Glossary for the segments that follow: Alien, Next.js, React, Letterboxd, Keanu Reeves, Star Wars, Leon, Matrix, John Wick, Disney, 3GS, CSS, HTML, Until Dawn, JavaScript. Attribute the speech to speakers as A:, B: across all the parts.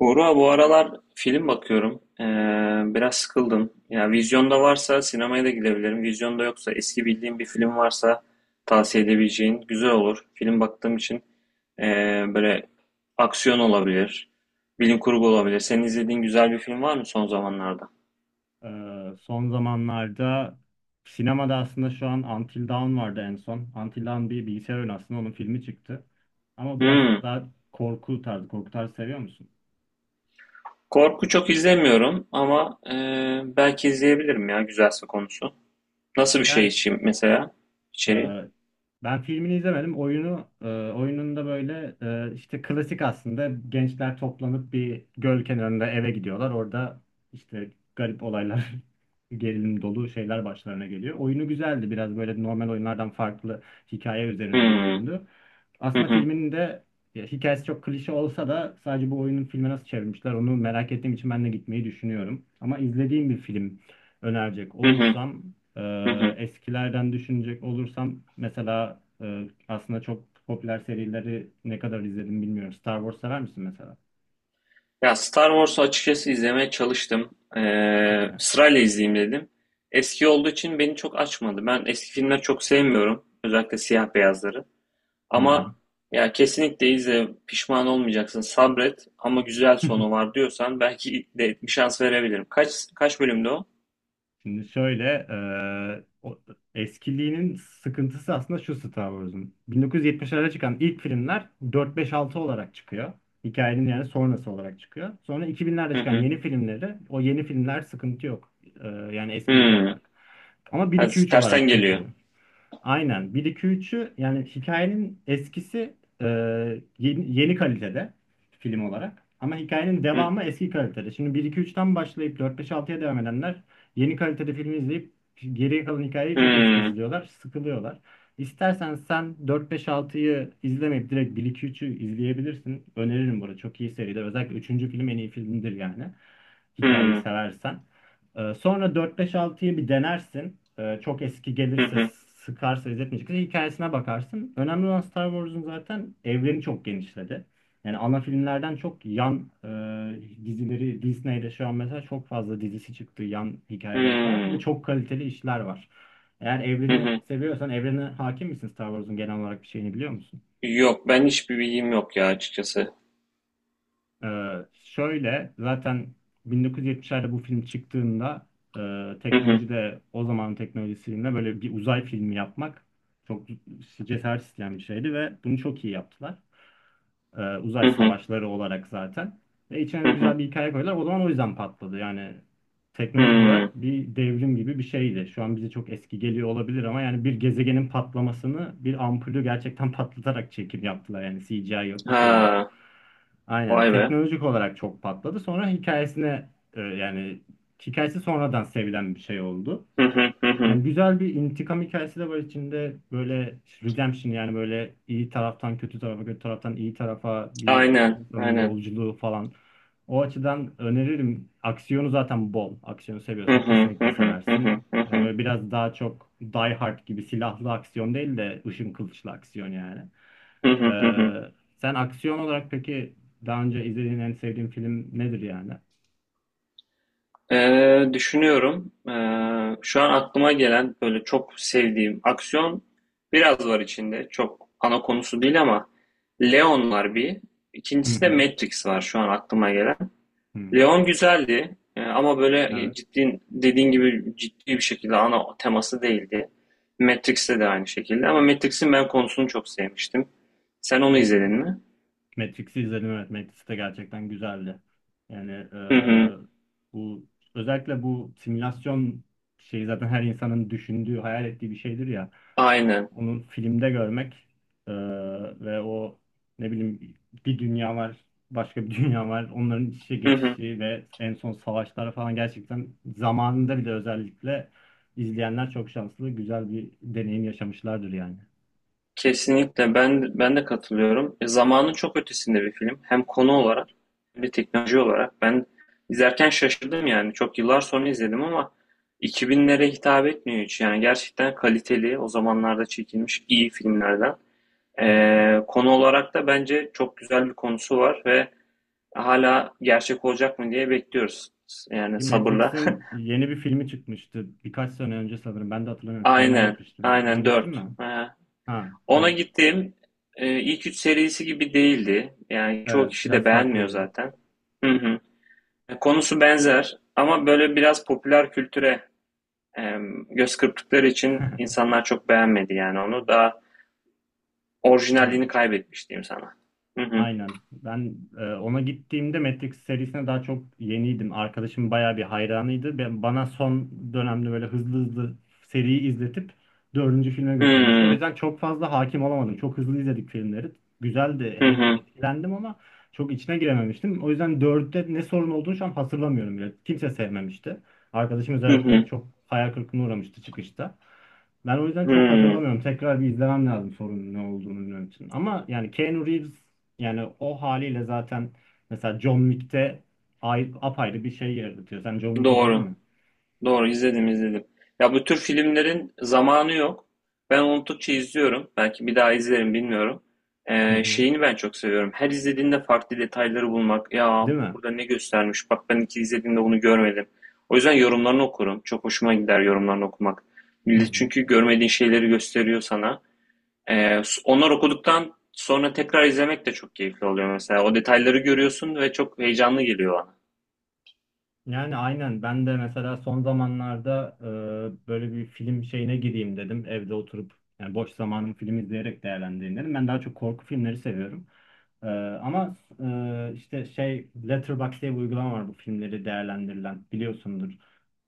A: Buğra, bu aralar film bakıyorum. Biraz sıkıldım. Ya vizyonda varsa sinemaya da gidebilirim. Vizyonda yoksa eski bildiğim bir film varsa tavsiye edebileceğin güzel olur. Film baktığım için ee, böyle aksiyon olabilir, bilim kurgu olabilir. Senin izlediğin güzel bir film var mı son zamanlarda?
B: Son zamanlarda sinemada aslında şu an Until Dawn vardı en son. Until Dawn bir bilgisayar oyunu, aslında onun filmi çıktı. Ama biraz
A: Hmm,
B: daha korku tarzı, korku tarzı seviyor musun?
A: korku çok izlemiyorum ama belki izleyebilirim ya güzelse konusu. Nasıl bir şey
B: Yani
A: için mesela içeriği?
B: Ee, ben filmini izlemedim. Oyununda böyle, işte klasik, aslında gençler toplanıp bir göl kenarında eve gidiyorlar. Orada işte garip olaylar, gerilim dolu şeyler başlarına geliyor. Oyunu güzeldi. Biraz böyle normal oyunlardan farklı, hikaye üzerine bir
A: Hmm,
B: oyundu.
A: hı
B: Aslında
A: hı,
B: filminin de ya, hikayesi çok klişe olsa da sadece bu oyunun filme nasıl çevirmişler onu merak ettiğim için ben de gitmeyi düşünüyorum. Ama izlediğim bir film önerecek
A: hı hı,
B: olursam,
A: hı hı.
B: eskilerden düşünecek olursam mesela, aslında çok popüler serileri ne kadar izledim bilmiyorum. Star Wars sever misin mesela?
A: Ya Star Wars'u açıkçası izlemeye çalıştım.
B: Aha.
A: Sırayla izleyeyim dedim. Eski olduğu için beni çok açmadı. Ben eski filmleri çok sevmiyorum. Özellikle siyah beyazları.
B: Hı hı.
A: Ama ya kesinlikle izle. Pişman olmayacaksın. Sabret. Ama güzel sonu var diyorsan belki de bir şans verebilirim. Kaç kaç bölümde o?
B: Şimdi şöyle, e, o- eskiliğinin sıkıntısı aslında şu Star Wars'un. 1970'lerde çıkan ilk filmler 4-5-6 olarak çıkıyor. Hikayenin yani sonrası olarak çıkıyor. Sonra 2000'lerde
A: Hı
B: çıkan
A: hı.
B: yeni filmleri, o yeni filmler sıkıntı yok. Yani eskilik
A: Hı.
B: olarak. Ama
A: Ha,
B: 1-2-3
A: tersten
B: olarak
A: geliyor.
B: çıkıyor. Aynen. Bir 2 üçü yani hikayenin eskisi, e, yeni kalitede film olarak. Ama hikayenin
A: Hı
B: devamı eski kalitede. Şimdi bir 2 3'ten başlayıp 4 5 altıya devam edenler yeni kalitede filmi izleyip geriye kalan hikayeyi çok eski
A: hı.
B: izliyorlar, sıkılıyorlar. İstersen sen 4 5 altıyı izlemeyip direkt bir 2 üçü izleyebilirsin. Öneririm bunu. Çok iyi seridir. Özellikle üçüncü film en iyi filmdir yani.
A: Hı
B: Hikayeyi
A: hı.
B: seversen. Sonra dört beş altıyı bir denersin. Çok eski
A: Hı
B: gelirse,
A: hı.
B: sıkarsa, izletmeyecekse hikayesine bakarsın. Önemli olan, Star Wars'un zaten evreni çok genişledi. Yani ana filmlerden çok yan, dizileri Disney'de şu an mesela çok fazla dizisi çıktı, yan hikayeleri falan, ve
A: Hı
B: çok kaliteli işler var. Eğer evreni
A: hı.
B: seviyorsan, evrene hakim misin, Star Wars'un genel olarak bir şeyini biliyor musun?
A: Yok ben hiçbir bilgim yok ya açıkçası.
B: Ee, şöyle zaten 1970'lerde bu film çıktığında,
A: Hı hı.
B: teknoloji de o zamanın teknolojisiyle böyle bir uzay filmi yapmak çok cesaret isteyen bir şeydi, ve bunu çok iyi yaptılar, uzay
A: Hı hı.
B: savaşları olarak zaten. Ve içine de
A: Hı
B: güzel
A: hı.
B: bir hikaye koydular. O zaman o yüzden patladı. Yani teknolojik
A: Hmm,
B: olarak bir devrim gibi bir şeydi. Şu an bize çok eski geliyor olabilir ama yani bir gezegenin patlamasını, bir ampulü gerçekten patlatarak çekim yaptılar. Yani CGI yok, bir şey yok.
A: ha.
B: Aynen.
A: Vay be.
B: Teknolojik olarak çok patladı. Sonra hikayesine, yani hikayesi sonradan sevilen bir şey oldu.
A: Hı hı, hı hı.
B: Yani güzel bir intikam hikayesi de var içinde. Böyle redemption, yani böyle iyi taraftan kötü tarafa, kötü taraftan iyi tarafa bir
A: Aynen,
B: insanın
A: aynen.
B: yolculuğu falan. O açıdan öneririm. Aksiyonu zaten bol. Aksiyonu
A: Hı
B: seviyorsan
A: hı, hı
B: kesinlikle
A: hı, hı hı,
B: seversin.
A: hı
B: Yani
A: hı.
B: böyle biraz daha çok Die Hard gibi silahlı aksiyon değil de ışın kılıçlı aksiyon yani.
A: Hı
B: Ee,
A: hı, hı hı.
B: sen aksiyon olarak peki daha önce izlediğin en sevdiğin film nedir yani?
A: Düşünüyorum. Şu an aklıma gelen böyle çok sevdiğim aksiyon biraz var içinde. Çok ana konusu değil ama Leon var bir.
B: Hı
A: İkincisi de
B: hı.
A: Matrix var şu an aklıma gelen.
B: Hı.
A: Leon güzeldi ama böyle
B: Evet.
A: ciddi dediğin gibi ciddi bir şekilde ana teması değildi. Matrix'te de aynı şekilde ama Matrix'in ben konusunu çok sevmiştim. Sen onu
B: Hı hı.
A: izledin mi?
B: Matrix'i izledim, evet. Matrix de gerçekten güzeldi. Yani,
A: Hı hı.
B: bu özellikle bu simülasyon şeyi zaten her insanın düşündüğü, hayal ettiği bir şeydir ya,
A: Aynen.
B: onu filmde görmek, e, ve o, ne bileyim, bir dünya var, başka bir dünya var. Onların iç içe
A: Hı hı.
B: geçişi ve en son savaşlar falan gerçekten zamanında bile, özellikle izleyenler çok şanslı, güzel bir deneyim yaşamışlardır yani.
A: Kesinlikle ben de katılıyorum. E, zamanın çok ötesinde bir film. Hem konu olarak hem de teknoloji olarak. Ben izlerken şaşırdım yani. Çok yıllar sonra izledim ama 2000'lere hitap etmiyor hiç. Yani gerçekten kaliteli, o zamanlarda çekilmiş iyi filmlerden.
B: Hı hı.
A: Konu olarak da bence çok güzel bir konusu var ve hala gerçek olacak mı diye bekliyoruz. Yani sabırla.
B: Matrix'in yeni bir filmi çıkmıştı. Birkaç sene önce sanırım. Ben de hatırlamıyorum. Sinemaya
A: Aynen,
B: gitmiştim. Ona
A: aynen
B: gittin
A: 4.
B: mi? Ha,
A: Ona
B: evet.
A: gittiğim ilk 3 serisi gibi değildi. Yani çoğu
B: Evet,
A: kişi
B: biraz
A: de beğenmiyor
B: farklıydı.
A: zaten. Hı hı. Konusu benzer ama böyle biraz popüler kültüre e, göz kırptıkları için insanlar çok beğenmedi yani onu. Daha orijinalliğini
B: Aynen.
A: kaybetmiş diyeyim sana. Hı hı.
B: Aynen. Ben, ona gittiğimde Matrix serisine daha çok yeniydim. Arkadaşım bayağı bir hayranıydı. Bana son dönemde böyle hızlı hızlı seriyi izletip dördüncü filme
A: Hı
B: götürmüştü. O
A: hı.
B: yüzden çok fazla hakim olamadım. Çok hızlı izledik filmleri. Güzeldi,
A: Hı hı.
B: eğlendim ama çok içine girememiştim. O yüzden dörtte ne sorun olduğunu şu an hatırlamıyorum bile. Kimse sevmemişti. Arkadaşım
A: Hı
B: özellikle
A: hı.
B: çok hayal kırıklığına uğramıştı çıkışta. Ben o yüzden çok
A: Hı.
B: hatırlamıyorum. Tekrar bir izlemem lazım, sorunun ne olduğunu bilmem için. Ama yani Keanu Reeves, yani o haliyle zaten mesela John Wick'te, ay, apayrı bir şey yaratıyor. Sen John Wick izledin
A: Doğru.
B: mi?
A: Doğru izledim. Ya bu tür filmlerin zamanı yok. Ben unuttukça izliyorum. Belki bir daha izlerim bilmiyorum.
B: Hı hı.
A: Şeyini ben çok seviyorum. Her izlediğinde farklı detayları bulmak. Ya
B: Değil mi?
A: burada ne göstermiş? Bak ben iki izlediğimde bunu görmedim. O yüzden yorumlarını okurum. Çok hoşuma gider yorumlarını okumak.
B: Hı
A: Millet
B: hı.
A: çünkü görmediğin şeyleri gösteriyor sana. Onlar okuduktan sonra tekrar izlemek de çok keyifli oluyor mesela. O detayları görüyorsun ve çok heyecanlı geliyor bana.
B: Yani aynen, ben de mesela son zamanlarda, böyle bir film şeyine gireyim dedim. Evde oturup yani boş zamanımı film izleyerek değerlendireyim dedim. Ben daha çok korku filmleri seviyorum. Ee, ama işte şey, Letterboxd diye bir uygulama var, bu filmleri değerlendirilen, biliyorsundur.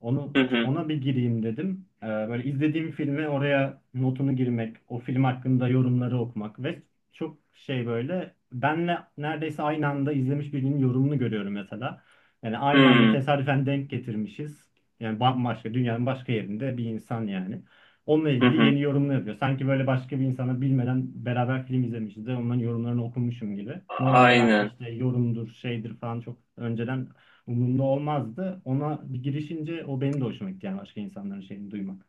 B: Onu
A: Hı hı.
B: ona bir gireyim dedim. Böyle izlediğim filmi oraya notunu girmek, o film hakkında yorumları okumak, ve çok şey, böyle benle neredeyse aynı anda izlemiş birinin yorumunu görüyorum mesela. Yani
A: Hı
B: aynı anda
A: hı.
B: tesadüfen denk getirmişiz. Yani bambaşka dünyanın başka yerinde bir insan yani. Onunla
A: Hı
B: ilgili yeni
A: hı.
B: yorumlar yapıyor. Sanki böyle başka bir insana bilmeden beraber film izlemişiz de onların yorumlarını okumuşum gibi. Normalde ben
A: Aynen.
B: işte yorumdur, şeydir falan çok önceden umurumda olmazdı. Ona bir girişince o benim de hoşuma gitti, yani başka insanların şeyini duymak.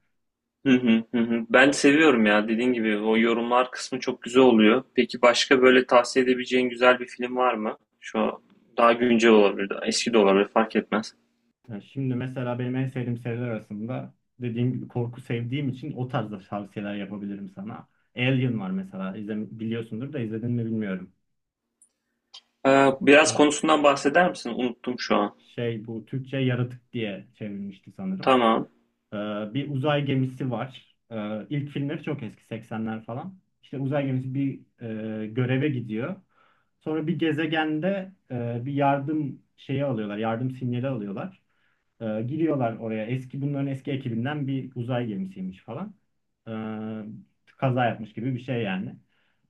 A: Hı hı, hı hı. Ben seviyorum ya dediğin gibi o yorumlar kısmı çok güzel oluyor. Peki başka böyle tavsiye edebileceğin güzel bir film var mı? Şu an daha güncel olabilir, daha eski de olabilir fark etmez.
B: Yani şimdi mesela benim en sevdiğim seriler arasında, dediğim gibi korku sevdiğim için o tarzda tavsiyeler yapabilirim sana. Alien var mesela. İzle, biliyorsundur da, izledin mi bilmiyorum.
A: Biraz konusundan bahseder misin? Unuttum şu an.
B: Şey, bu Türkçe Yaratık diye çevrilmişti sanırım.
A: Tamam.
B: Bir uzay gemisi var. İlk filmleri çok eski, 80'ler falan. İşte uzay gemisi bir, göreve gidiyor. Sonra bir gezegende, bir yardım şeyi alıyorlar, yardım sinyali alıyorlar. Giriyorlar oraya. Bunların eski ekibinden bir uzay gemisiymiş falan. Ee, kaza yapmış gibi bir şey yani.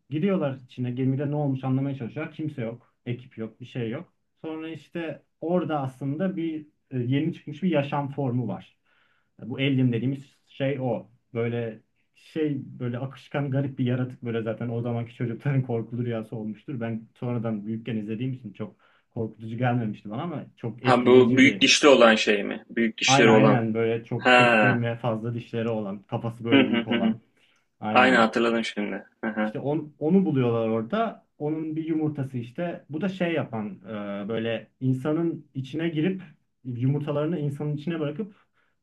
B: Giriyorlar içine, gemide ne olmuş anlamaya çalışıyorlar. Kimse yok. Ekip yok. Bir şey yok. Sonra işte orada aslında bir, yeni çıkmış bir yaşam formu var. Bu alien dediğimiz şey o. Böyle şey, böyle akışkan garip bir yaratık, böyle zaten o zamanki çocukların korkulu rüyası olmuştur. Ben sonradan büyükken izlediğim için çok korkutucu gelmemişti bana, ama çok
A: Ha bu
B: etkileyici
A: büyük
B: bir.
A: dişli olan şey mi? Büyük dişleri
B: Aynen,
A: olan.
B: aynen, böyle çok
A: Ha.
B: keskin ve fazla dişleri olan, kafası
A: Hı
B: böyle
A: hı
B: büyük
A: hı. Hı.
B: olan.
A: Aynen
B: Aynen,
A: hatırladım şimdi. Hı hı.
B: işte onu buluyorlar orada. Onun bir yumurtası işte. Bu da şey yapan, böyle insanın içine girip yumurtalarını insanın içine bırakıp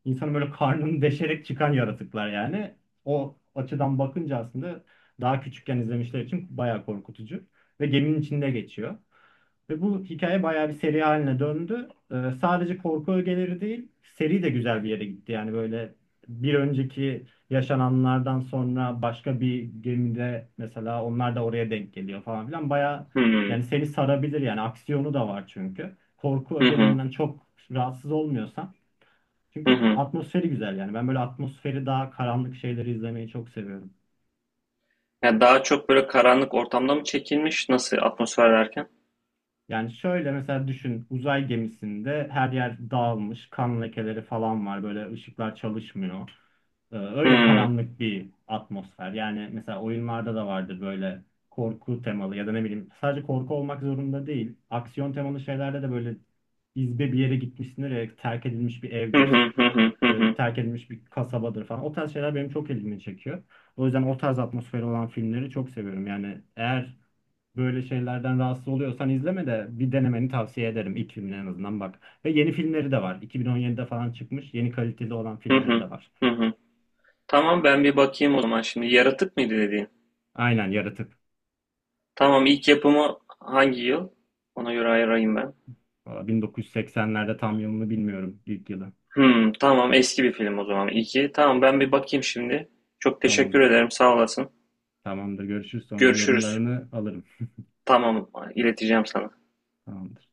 B: insanın böyle karnını deşerek çıkan yaratıklar yani. O açıdan bakınca aslında daha küçükken izlemişler için bayağı korkutucu. Ve geminin içinde geçiyor. Ve bu hikaye bayağı bir seri haline döndü. Sadece korku ögeleri değil, seri de güzel bir yere gitti. Yani böyle bir önceki yaşananlardan sonra başka bir gemide mesela onlar da oraya denk geliyor falan filan. Baya, yani
A: Hmm.
B: seni sarabilir yani, aksiyonu da var çünkü. Korku
A: Hı hı.
B: ögelerinden çok rahatsız olmuyorsan.
A: Hı
B: Çünkü
A: hı.
B: atmosferi güzel yani. Ben böyle atmosferi daha karanlık şeyleri izlemeyi çok seviyorum.
A: Ya daha çok böyle karanlık ortamda mı çekilmiş? Nasıl atmosfer derken?
B: Yani şöyle mesela düşün, uzay gemisinde her yer dağılmış, kan lekeleri falan var, böyle ışıklar çalışmıyor. Öyle
A: Hı.
B: karanlık bir atmosfer. Yani mesela oyunlarda da vardır böyle, korku temalı ya da ne bileyim, sadece korku olmak zorunda değil. Aksiyon temalı şeylerde de böyle izbe bir yere gitmişsindir ya, terk edilmiş bir
A: Hı
B: evdir,
A: hı hı hı hı hı
B: terk edilmiş bir kasabadır falan. O tarz şeyler benim çok ilgimi çekiyor. O yüzden o tarz atmosferi olan filmleri çok seviyorum. Yani eğer böyle şeylerden rahatsız oluyorsan, izleme de, bir denemeni tavsiye ederim. İlk filmine en azından bak. Ve yeni filmleri de var. 2017'de falan çıkmış. Yeni kaliteli olan
A: hı
B: filmleri
A: hı
B: de var.
A: hı hı. Tamam ben bir bakayım o zaman şimdi. Yaratık mıydı dediğin?
B: Aynen, Yaratık.
A: Tamam ilk yapımı hangi yıl? Ona göre ayırayım ben.
B: Valla 1980'lerde, tam yılını bilmiyorum ilk yılı.
A: Hmm, tamam eski bir film o zaman. İki. Tamam ben bir bakayım şimdi. Çok teşekkür
B: Tamamdır.
A: ederim sağ olasın.
B: Tamamdır. Görüşürüz, sonra
A: Görüşürüz.
B: yorumlarını alırım.
A: Tamam ileteceğim sana.
B: Tamamdır.